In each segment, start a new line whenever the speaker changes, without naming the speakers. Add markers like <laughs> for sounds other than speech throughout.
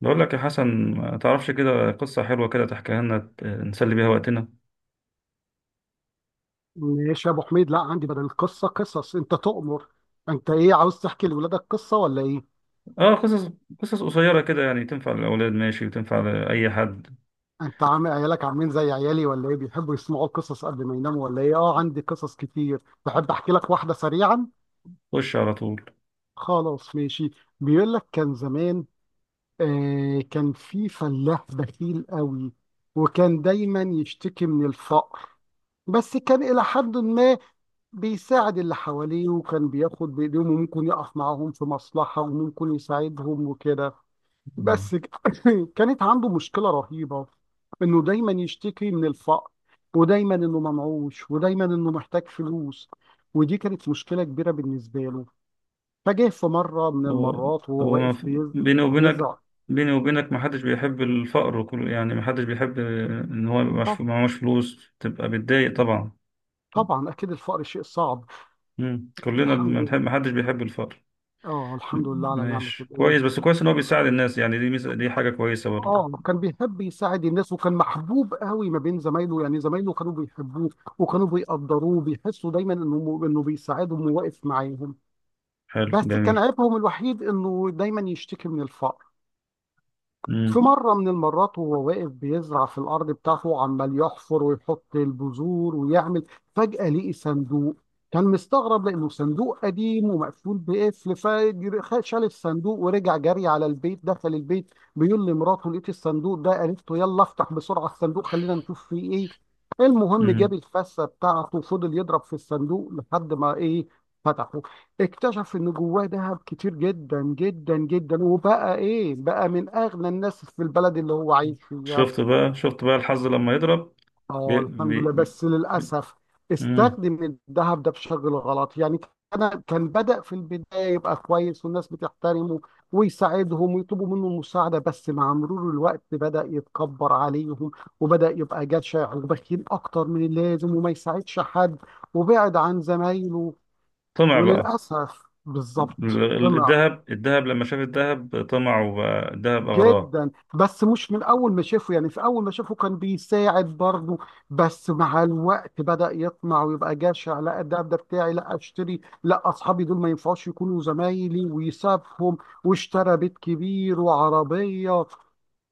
بقول لك يا حسن، ما تعرفش كده قصة حلوة كده تحكيها لنا نسلي بيها وقتنا.
ماشي يا ابو حميد، لا عندي بدل القصه قصص، انت تؤمر. انت ايه عاوز تحكي لاولادك قصه ولا ايه؟
اه، قصص قصيرة كده يعني تنفع للأولاد، ماشي، وتنفع لأي حد.
انت عامل عيالك عاملين زي عيالي ولا ايه؟ بيحبوا يسمعوا القصص قبل ما يناموا ولا ايه؟ اه عندي قصص كتير. تحب احكي لك واحده سريعا؟
خش على طول.
خلاص ماشي. بيقول لك كان زمان، كان في فلاح بخيل قوي، وكان دايما يشتكي من الفقر. بس كان إلى حد ما بيساعد اللي حواليه، وكان بياخد بإيديهم وممكن يقف معاهم في مصلحة وممكن يساعدهم وكده.
مم.
بس ك- <laughs> كانت عنده مشكلة رهيبة، انه دايما يشتكي من الفقر، ودايما انه منعوش، ودايما انه محتاج فلوس. ودي كانت مشكلة كبيرة بالنسبة له. فجاه في مرة من
هو
المرات وهو
هو ما
واقف
في- بيني وبينك،
بيزعل.
ما حدش بيحب الفقر، وكل، يعني ما حدش بيحب ان هو يبقى
طب
معهوش فلوس، تبقى بتضايق طبعا.
طبعا اكيد الفقر شيء صعب.
مم. كلنا
الحمد
بنحب،
لله،
ما حدش بيحب الفقر.
اه
م-
الحمد لله على نعمة
ماشي،
الايه.
كويس، بس كويس ان هو بيساعد الناس، يعني دي ميزة، دي حاجة كويسة برضه.
اه كان بيحب يساعد الناس، وكان محبوب قوي ما بين زمايله، يعني زمايله كانوا بيحبوه وكانوا بيقدروه، بيحسوا دايما انه بيساعدهم وواقف معاهم.
حلو،
بس كان
جميل.
عيبهم الوحيد انه دايما يشتكي من الفقر. في
مم.
مرة من المرات وهو واقف بيزرع في الأرض بتاعته، عمال يحفر ويحط البذور ويعمل، فجأة لقي صندوق. كان مستغرب لأنه صندوق قديم ومقفول بقفل. فشال الصندوق ورجع جري على البيت، دخل البيت بيقول لمراته لقيت الصندوق ده، قالت له يلا افتح بسرعة الصندوق خلينا نشوف فيه ايه. المهم جاب
مم.
الفاسة بتاعته وفضل يضرب في الصندوق لحد ما ايه، فتحه. اكتشف ان جواه ذهب كتير جدا جدا جدا، وبقى ايه بقى، من اغنى الناس في البلد اللي هو عايش فيها.
شفت بقى الحظ لما يضرب!
اه
بي...
الحمد لله،
بي...
بس للاسف
مم.
استخدم الذهب ده بشكل غلط يعني. انا كان بدأ في البداية يبقى كويس والناس بتحترمه ويساعدهم ويطلبوا منه المساعدة، بس مع مرور الوقت بدأ يتكبر عليهم، وبدأ يبقى جشع وبخيل أكتر من اللازم وما يساعدش حد، وبعد عن زمايله.
طمع بقى.
وللأسف بالظبط
الذهب لما شاف الذهب، طمع، وبقى الذهب أغراه.
جدا، بس مش من اول ما شافه يعني، في اول ما شافه كان بيساعد برضه. بس مع الوقت بدأ يطمع ويبقى جشع، لا ده بتاعي، لا اشتري، لا اصحابي دول ما ينفعوش يكونوا زمايلي، ويسابهم. واشترى بيت كبير وعربية،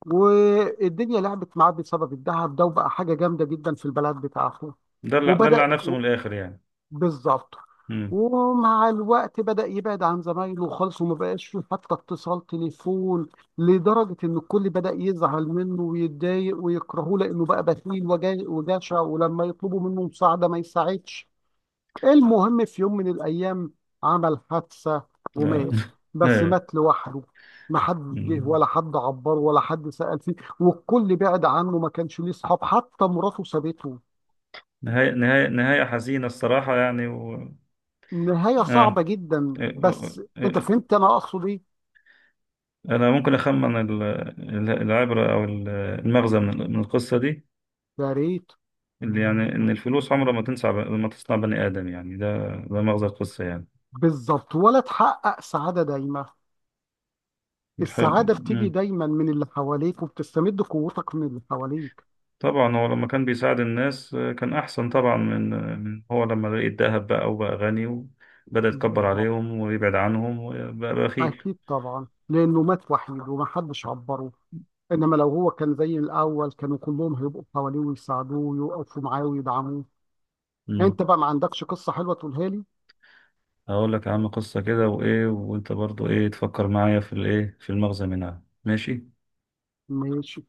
والدنيا لعبت معاه بسبب الذهب ده، وبقى حاجة جامدة جدا في البلد بتاعته.
دلع
وبدأ
دلع نفسه من الآخر يعني.
بالظبط
مم.
ومع الوقت بدأ يبعد عن زمايله خالص، وما بقاش فيه حتى اتصال تليفون. لدرجة إن الكل بدأ يزعل منه ويتضايق ويكرهه لأنه بقى بخيل وجشع، ولما يطلبوا منه مساعدة ما يساعدش. المهم في يوم من الأيام عمل حادثة،
لا.
ومات.
<laughs>
بس
إيه.
مات لوحده، ما حد جه
مم.
ولا حد عبره ولا حد سأل فيه، والكل بعد عنه، ما كانش ليه صحاب، حتى مراته سابته.
نهاية حزينة الصراحة يعني
نهاية صعبة
آه.
جدا،
إيه.
بس انت
إيه.
فهمت انا اقصد ايه.
أنا ممكن أخمن العبرة، أو المغزى من من القصة دي.
يا ريت.
اللي يعني إن الفلوس عمرها ما تنسى، ما تصنع بني آدم، يعني ده مغزى القصة يعني.
بالظبط، ولا تحقق سعادة دايمة.
حلو.
السعادة بتيجي
مم.
دايما من اللي حواليك، وبتستمد قوتك من اللي حواليك.
طبعا هو لما كان بيساعد الناس، كان أحسن طبعا من، من هو لما لقي الذهب، بقى وبقى غني، وبدأ يتكبر
بالظبط.
عليهم ويبعد عنهم وبقى بخيل.
اكيد طبعا لانه مات وحيد ومحدش عبره، انما لو هو كان زي الاول كانوا كلهم هيبقوا حواليه ويساعدوه ويقفوا معاه ويدعموه.
مم.
انت بقى ما عندكش قصة حلوة تقولها لي؟
هقول لك يا عم قصة كده وإيه، وأنت برضو إيه تفكر معايا في الإيه، في المغزى منها، ماشي؟
ماشي.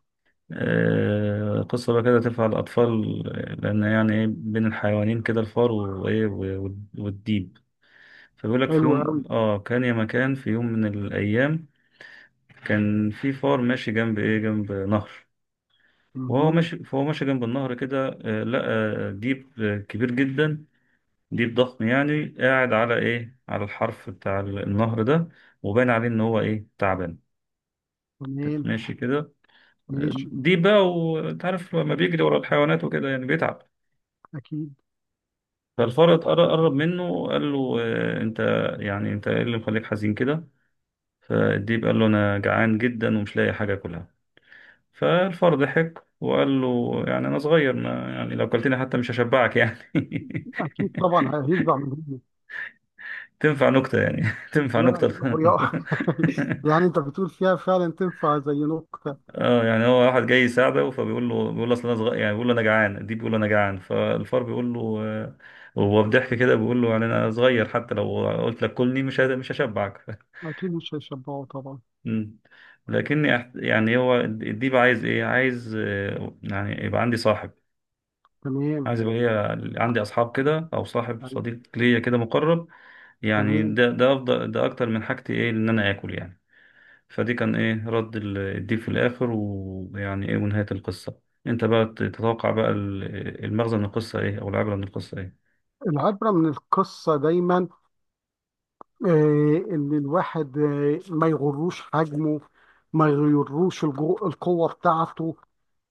آه، قصة بقى كده تنفع الأطفال. لأن يعني إيه بين الحيوانين كده، الفار وإيه والديب. فبيقول لك في
حلو قوي.
يوم آه كان يا مكان في يوم من الأيام. كان في فار ماشي جنب ايه، جنب نهر. وهو
مهم.
ماشي فهو ماشي جنب النهر كده، لقى ديب كبير جدا. ديب ضخم يعني، قاعد على ايه، على الحرف بتاع النهر ده. وبان عليه ان هو ايه، تعبان.
تمام.
ماشي كده.
ماشي.
ديب بقى، وانت عارف لما بيجري ورا الحيوانات وكده، يعني بيتعب.
اكيد.
فالفار قرب منه وقال له انت، يعني انت ايه اللي مخليك حزين كده؟ فالديب قال له: انا جعان جدا ومش لاقي حاجه اكلها. فالفار ضحك وقال له: يعني أنا صغير، ما يعني لو قلتني حتى مش هشبعك يعني.
اكيد طبعا هيشبع منهم.
<laughs> تنفع نكتة يعني. <laughs> تنفع
يعني
نكتة.
هو
<laughs>
<laughs> يعني انت بتقول فيها فعلا تنفع زي نكتة.
اه، يعني هو واحد جاي يساعده، فبيقول له بيقول له: أصل أنا صغير، يعني بيقول له: أنا جعان دي، بيقول له: أنا جعان. فالفار بيقول له وهو بضحك كده بيقول له: يعني أنا صغير، حتى لو قلت لك كلني، مش هشبعك. <laughs>
اكيد مش هيشبعوا طبعا.
مم. لكني يعني هو الديب عايز إيه؟ عايز، يعني يبقى عندي صاحب.
تمام.
عايز يبقى ليا، عندي اصحاب كده، او صاحب
يعني.
صديق ليا كده مقرب. يعني
تمام.
ده افضل، ده اكتر من حاجتي ايه ان انا اكل يعني. فدي كان ايه رد الديب في الاخر، ويعني ايه ونهاية القصة؟ انت بقى تتوقع بقى المغزى من القصة ايه، او العبرة من القصة ايه؟
العبرة من القصة دايما، آه، ان الواحد آه ما يغروش حجمه، ما يغروش القوة بتاعته،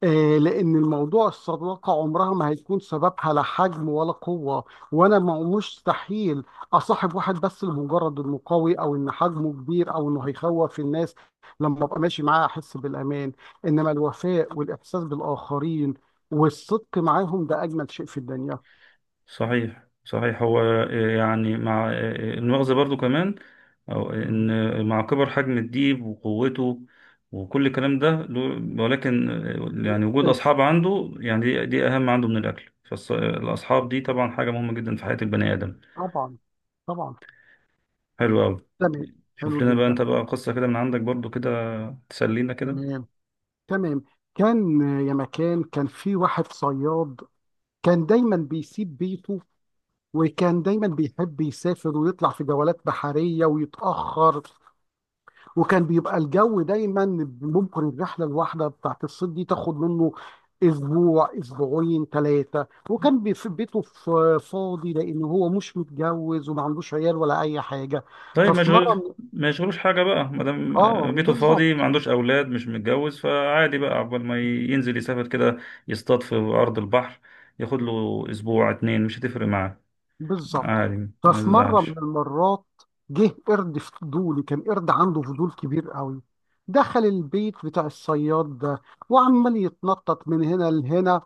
آه، لأن الموضوع الصداقة عمرها ما هيكون سببها لا حجم ولا قوة. وأنا ما مستحيل أصاحب واحد بس لمجرد إنه قوي أو إن حجمه كبير أو إنه هيخوف الناس لما أبقى ماشي معاه أحس بالأمان. إنما الوفاء والإحساس بالآخرين والصدق معاهم، ده أجمل شيء في الدنيا. <laughs>
صحيح صحيح، هو يعني مع المؤاخذة برضو كمان. أو إن
مهم.
مع كبر حجم الديب وقوته، وكل الكلام ده ولكن يعني وجود
انس.
أصحاب عنده، يعني دي أهم عنده من الأكل، فالأصحاب دي طبعا حاجة مهمة جدا في حياة البني آدم.
طبعا. طبعا.
حلو أوي.
تمام. حلو
شوف لنا بقى
جدا.
أنت بقى قصة كده من عندك برضو كده، تسلينا كده.
تمام. تمام. كان آه يا مكان، كان في واحد صياد، كان دايما بيسيب بيته، وكان دايما بيحب يسافر ويطلع في جولات بحرية ويتأخر. وكان بيبقى الجو دايما، ممكن الرحلة الواحدة بتاعت الصيد دي تاخد منه أسبوع أسبوعين ثلاثة. وكان في بيته فاضي، لأن هو مش متجوز وما عندوش عيال ولا أي حاجة.
طيب،
ففي مرة
مشغول.
من-
ما يشغلوش حاجة بقى، ما دام
آه
بيته فاضي، ما
بالظبط.
عندوش أولاد، مش متجوز، فعادي بقى عقبال ما ينزل يسافر كده، يصطاد في أرض البحر. ياخد له أسبوع اتنين، مش هتفرق معاه.
بالظبط.
عادي، ما
ففي مرة من
يزعلش.
المرات جه قرد فضولي، كان قرد عنده فضول كبير قوي. دخل البيت بتاع الصياد ده، وعمال يتنطط من هنا لهنا،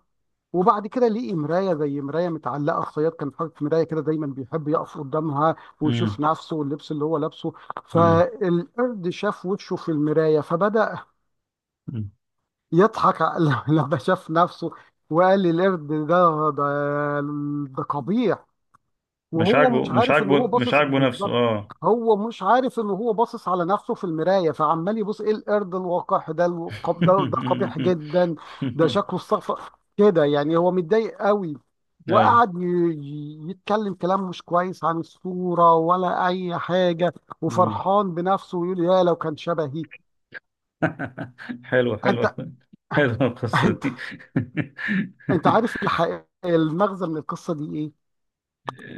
وبعد كده لقي مراية، زي مراية متعلقة. الصياد كان حاطط مراية كده دايما بيحب يقف قدامها
امم.
ويشوف نفسه واللبس اللي هو لابسه.
امم.
فالقرد شاف وشه في المراية، فبدأ يضحك <laughs> لما شاف نفسه، وقال للقرد ده ده قبيح، وهو مش عارف ان هو
مش
باصص
عاجبه نفسه،
بالظبط.
اه.
هو مش عارف ان هو باصص على نفسه في المرايه، فعمال يبص ايه القرد الوقح ده، القب ده قبيح
<laughs>
جدا، ده شكله استغفر كده، يعني هو متضايق قوي.
أيوة.
وقعد يتكلم كلام مش كويس عن الصوره ولا اي حاجه،
امم.
وفرحان بنفسه ويقول يا لو كان شبهي.
<laughs> حلوة
انت.
حلوة حلوة القصة
انت.
دي.
انت
<laughs>
عارف الحقيقه المغزى من القصه دي ايه؟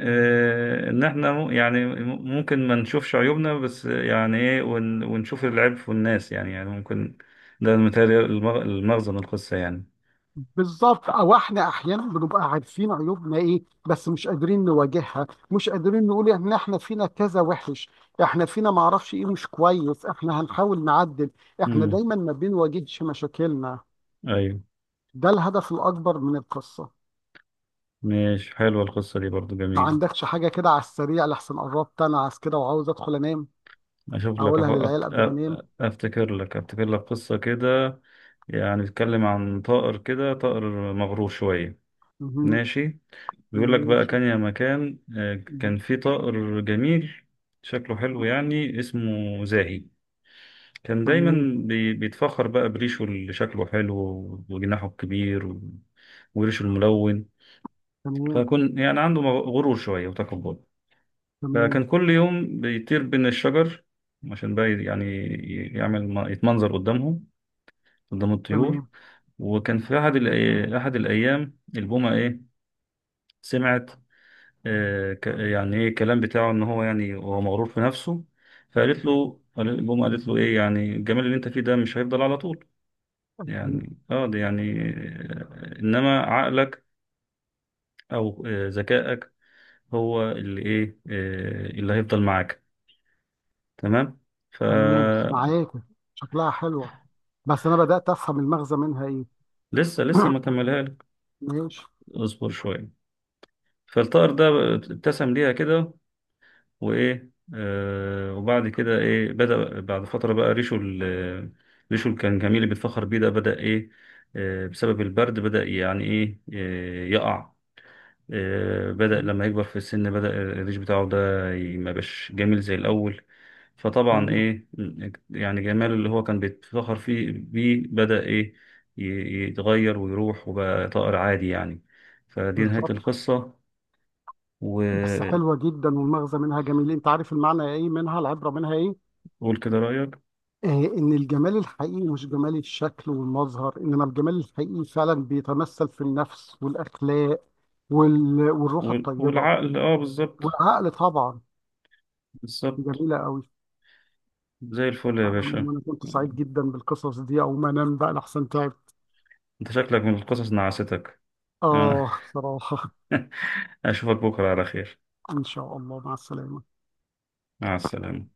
ان احنا يعني ممكن ما نشوفش عيوبنا، بس يعني ايه ونشوف العيب في الناس، يعني ممكن. ده متهيألي المغزى من القصة يعني.
بالظبط، او احنا احيانا بنبقى عارفين عيوبنا ايه، بس مش قادرين نواجهها، مش قادرين نقول ان احنا فينا كذا وحش، احنا فينا معرفش ايه مش كويس، احنا هنحاول نعدل، احنا
امم.
دايما ما بنواجهش مشاكلنا.
ايوه.
ده الهدف الاكبر من القصة.
ماشي، حلوة القصة دي برضو
ما
جميلة.
عندكش حاجة كده على السريع؟ لحسن قربت انا عايز كده وعاوز ادخل انام،
اشوف لك
اقولها للعيال قبل ما انام.
افتكر لك قصة كده. يعني بيتكلم عن طائر كده، طائر مغرور شوية.
مهم.
ماشي. بيقول لك بقى،
ماشي.
كان يا مكان كان
مهم.
في طائر جميل. شكله حلو يعني، اسمه زاهي. كان
تمام.
دايما بيتفخر بقى بريشه اللي شكله حلو وجناحه الكبير وريشه الملون.
تمام.
فكان يعني عنده غرور شوية وتكبر.
تمام.
فكان كل يوم بيطير بين الشجر، عشان بقى يعني يعمل يتمنظر قدامهم، قدام الطيور.
تمام.
وكان في أحد أحد الأيام، البومة إيه، سمعت. يعني إيه الكلام بتاعه، إن هو يعني هو مغرور في نفسه. فقالت له البومة، قالت له إيه يعني الجمال اللي أنت فيه ده، مش هيفضل على طول.
أكيد.
يعني ده يعني، انما عقلك، او ذكائك، هو اللي ايه، اللي هيفضل معاك. تمام.
تمام
فلسه.
معاك. شكلها حلوة، بس انا بدات افهم المغزى منها ايه.
لسه لسه، ما
<coughs>
كملها لك.
<clears throat> ماشي.
اصبر شويه. فالطائر ده، ابتسم ليها كده، وايه، وبعد كده ايه بدأ بعد فتره بقى ريشه، ريشه اللي كان جميل اللي بيتفخر بيه ده، بدأ ايه. بسبب البرد بدأ يعني ايه، يقع. بدأ
مم.
لما يكبر في السن، بدأ الريش بتاعه ده ما بقاش جميل زي الأول. فطبعا
تمام.
إيه، يعني جماله اللي هو كان بيتفخر فيه بيه، بدأ إيه، يتغير ويروح وبقى طائر عادي يعني. فدي نهاية
بالظبط.
القصة.
بس
وقول
حلوه جدا والمغزى منها جميل. انت عارف المعنى ايه منها؟ العبره منها ايه؟
كده رأيك.
آه، ان الجمال الحقيقي مش جمال الشكل والمظهر، انما الجمال الحقيقي فعلا بيتمثل في النفس والاخلاق والروح الطيبه.
والعقل، اه، بالظبط.
والعقل طبعا.
بالظبط.
جميله قوي.
زي الفل يا باشا.
أنا كنت سعيد جدا بالقصص دي، او ما انام بقى لحسن تعب.
انت شكلك من القصص نعستك؟
اه
<laughs>
صراحه.
اشوفك بكرة على خير.
ان شاء الله مع السلامه.
مع السلامة.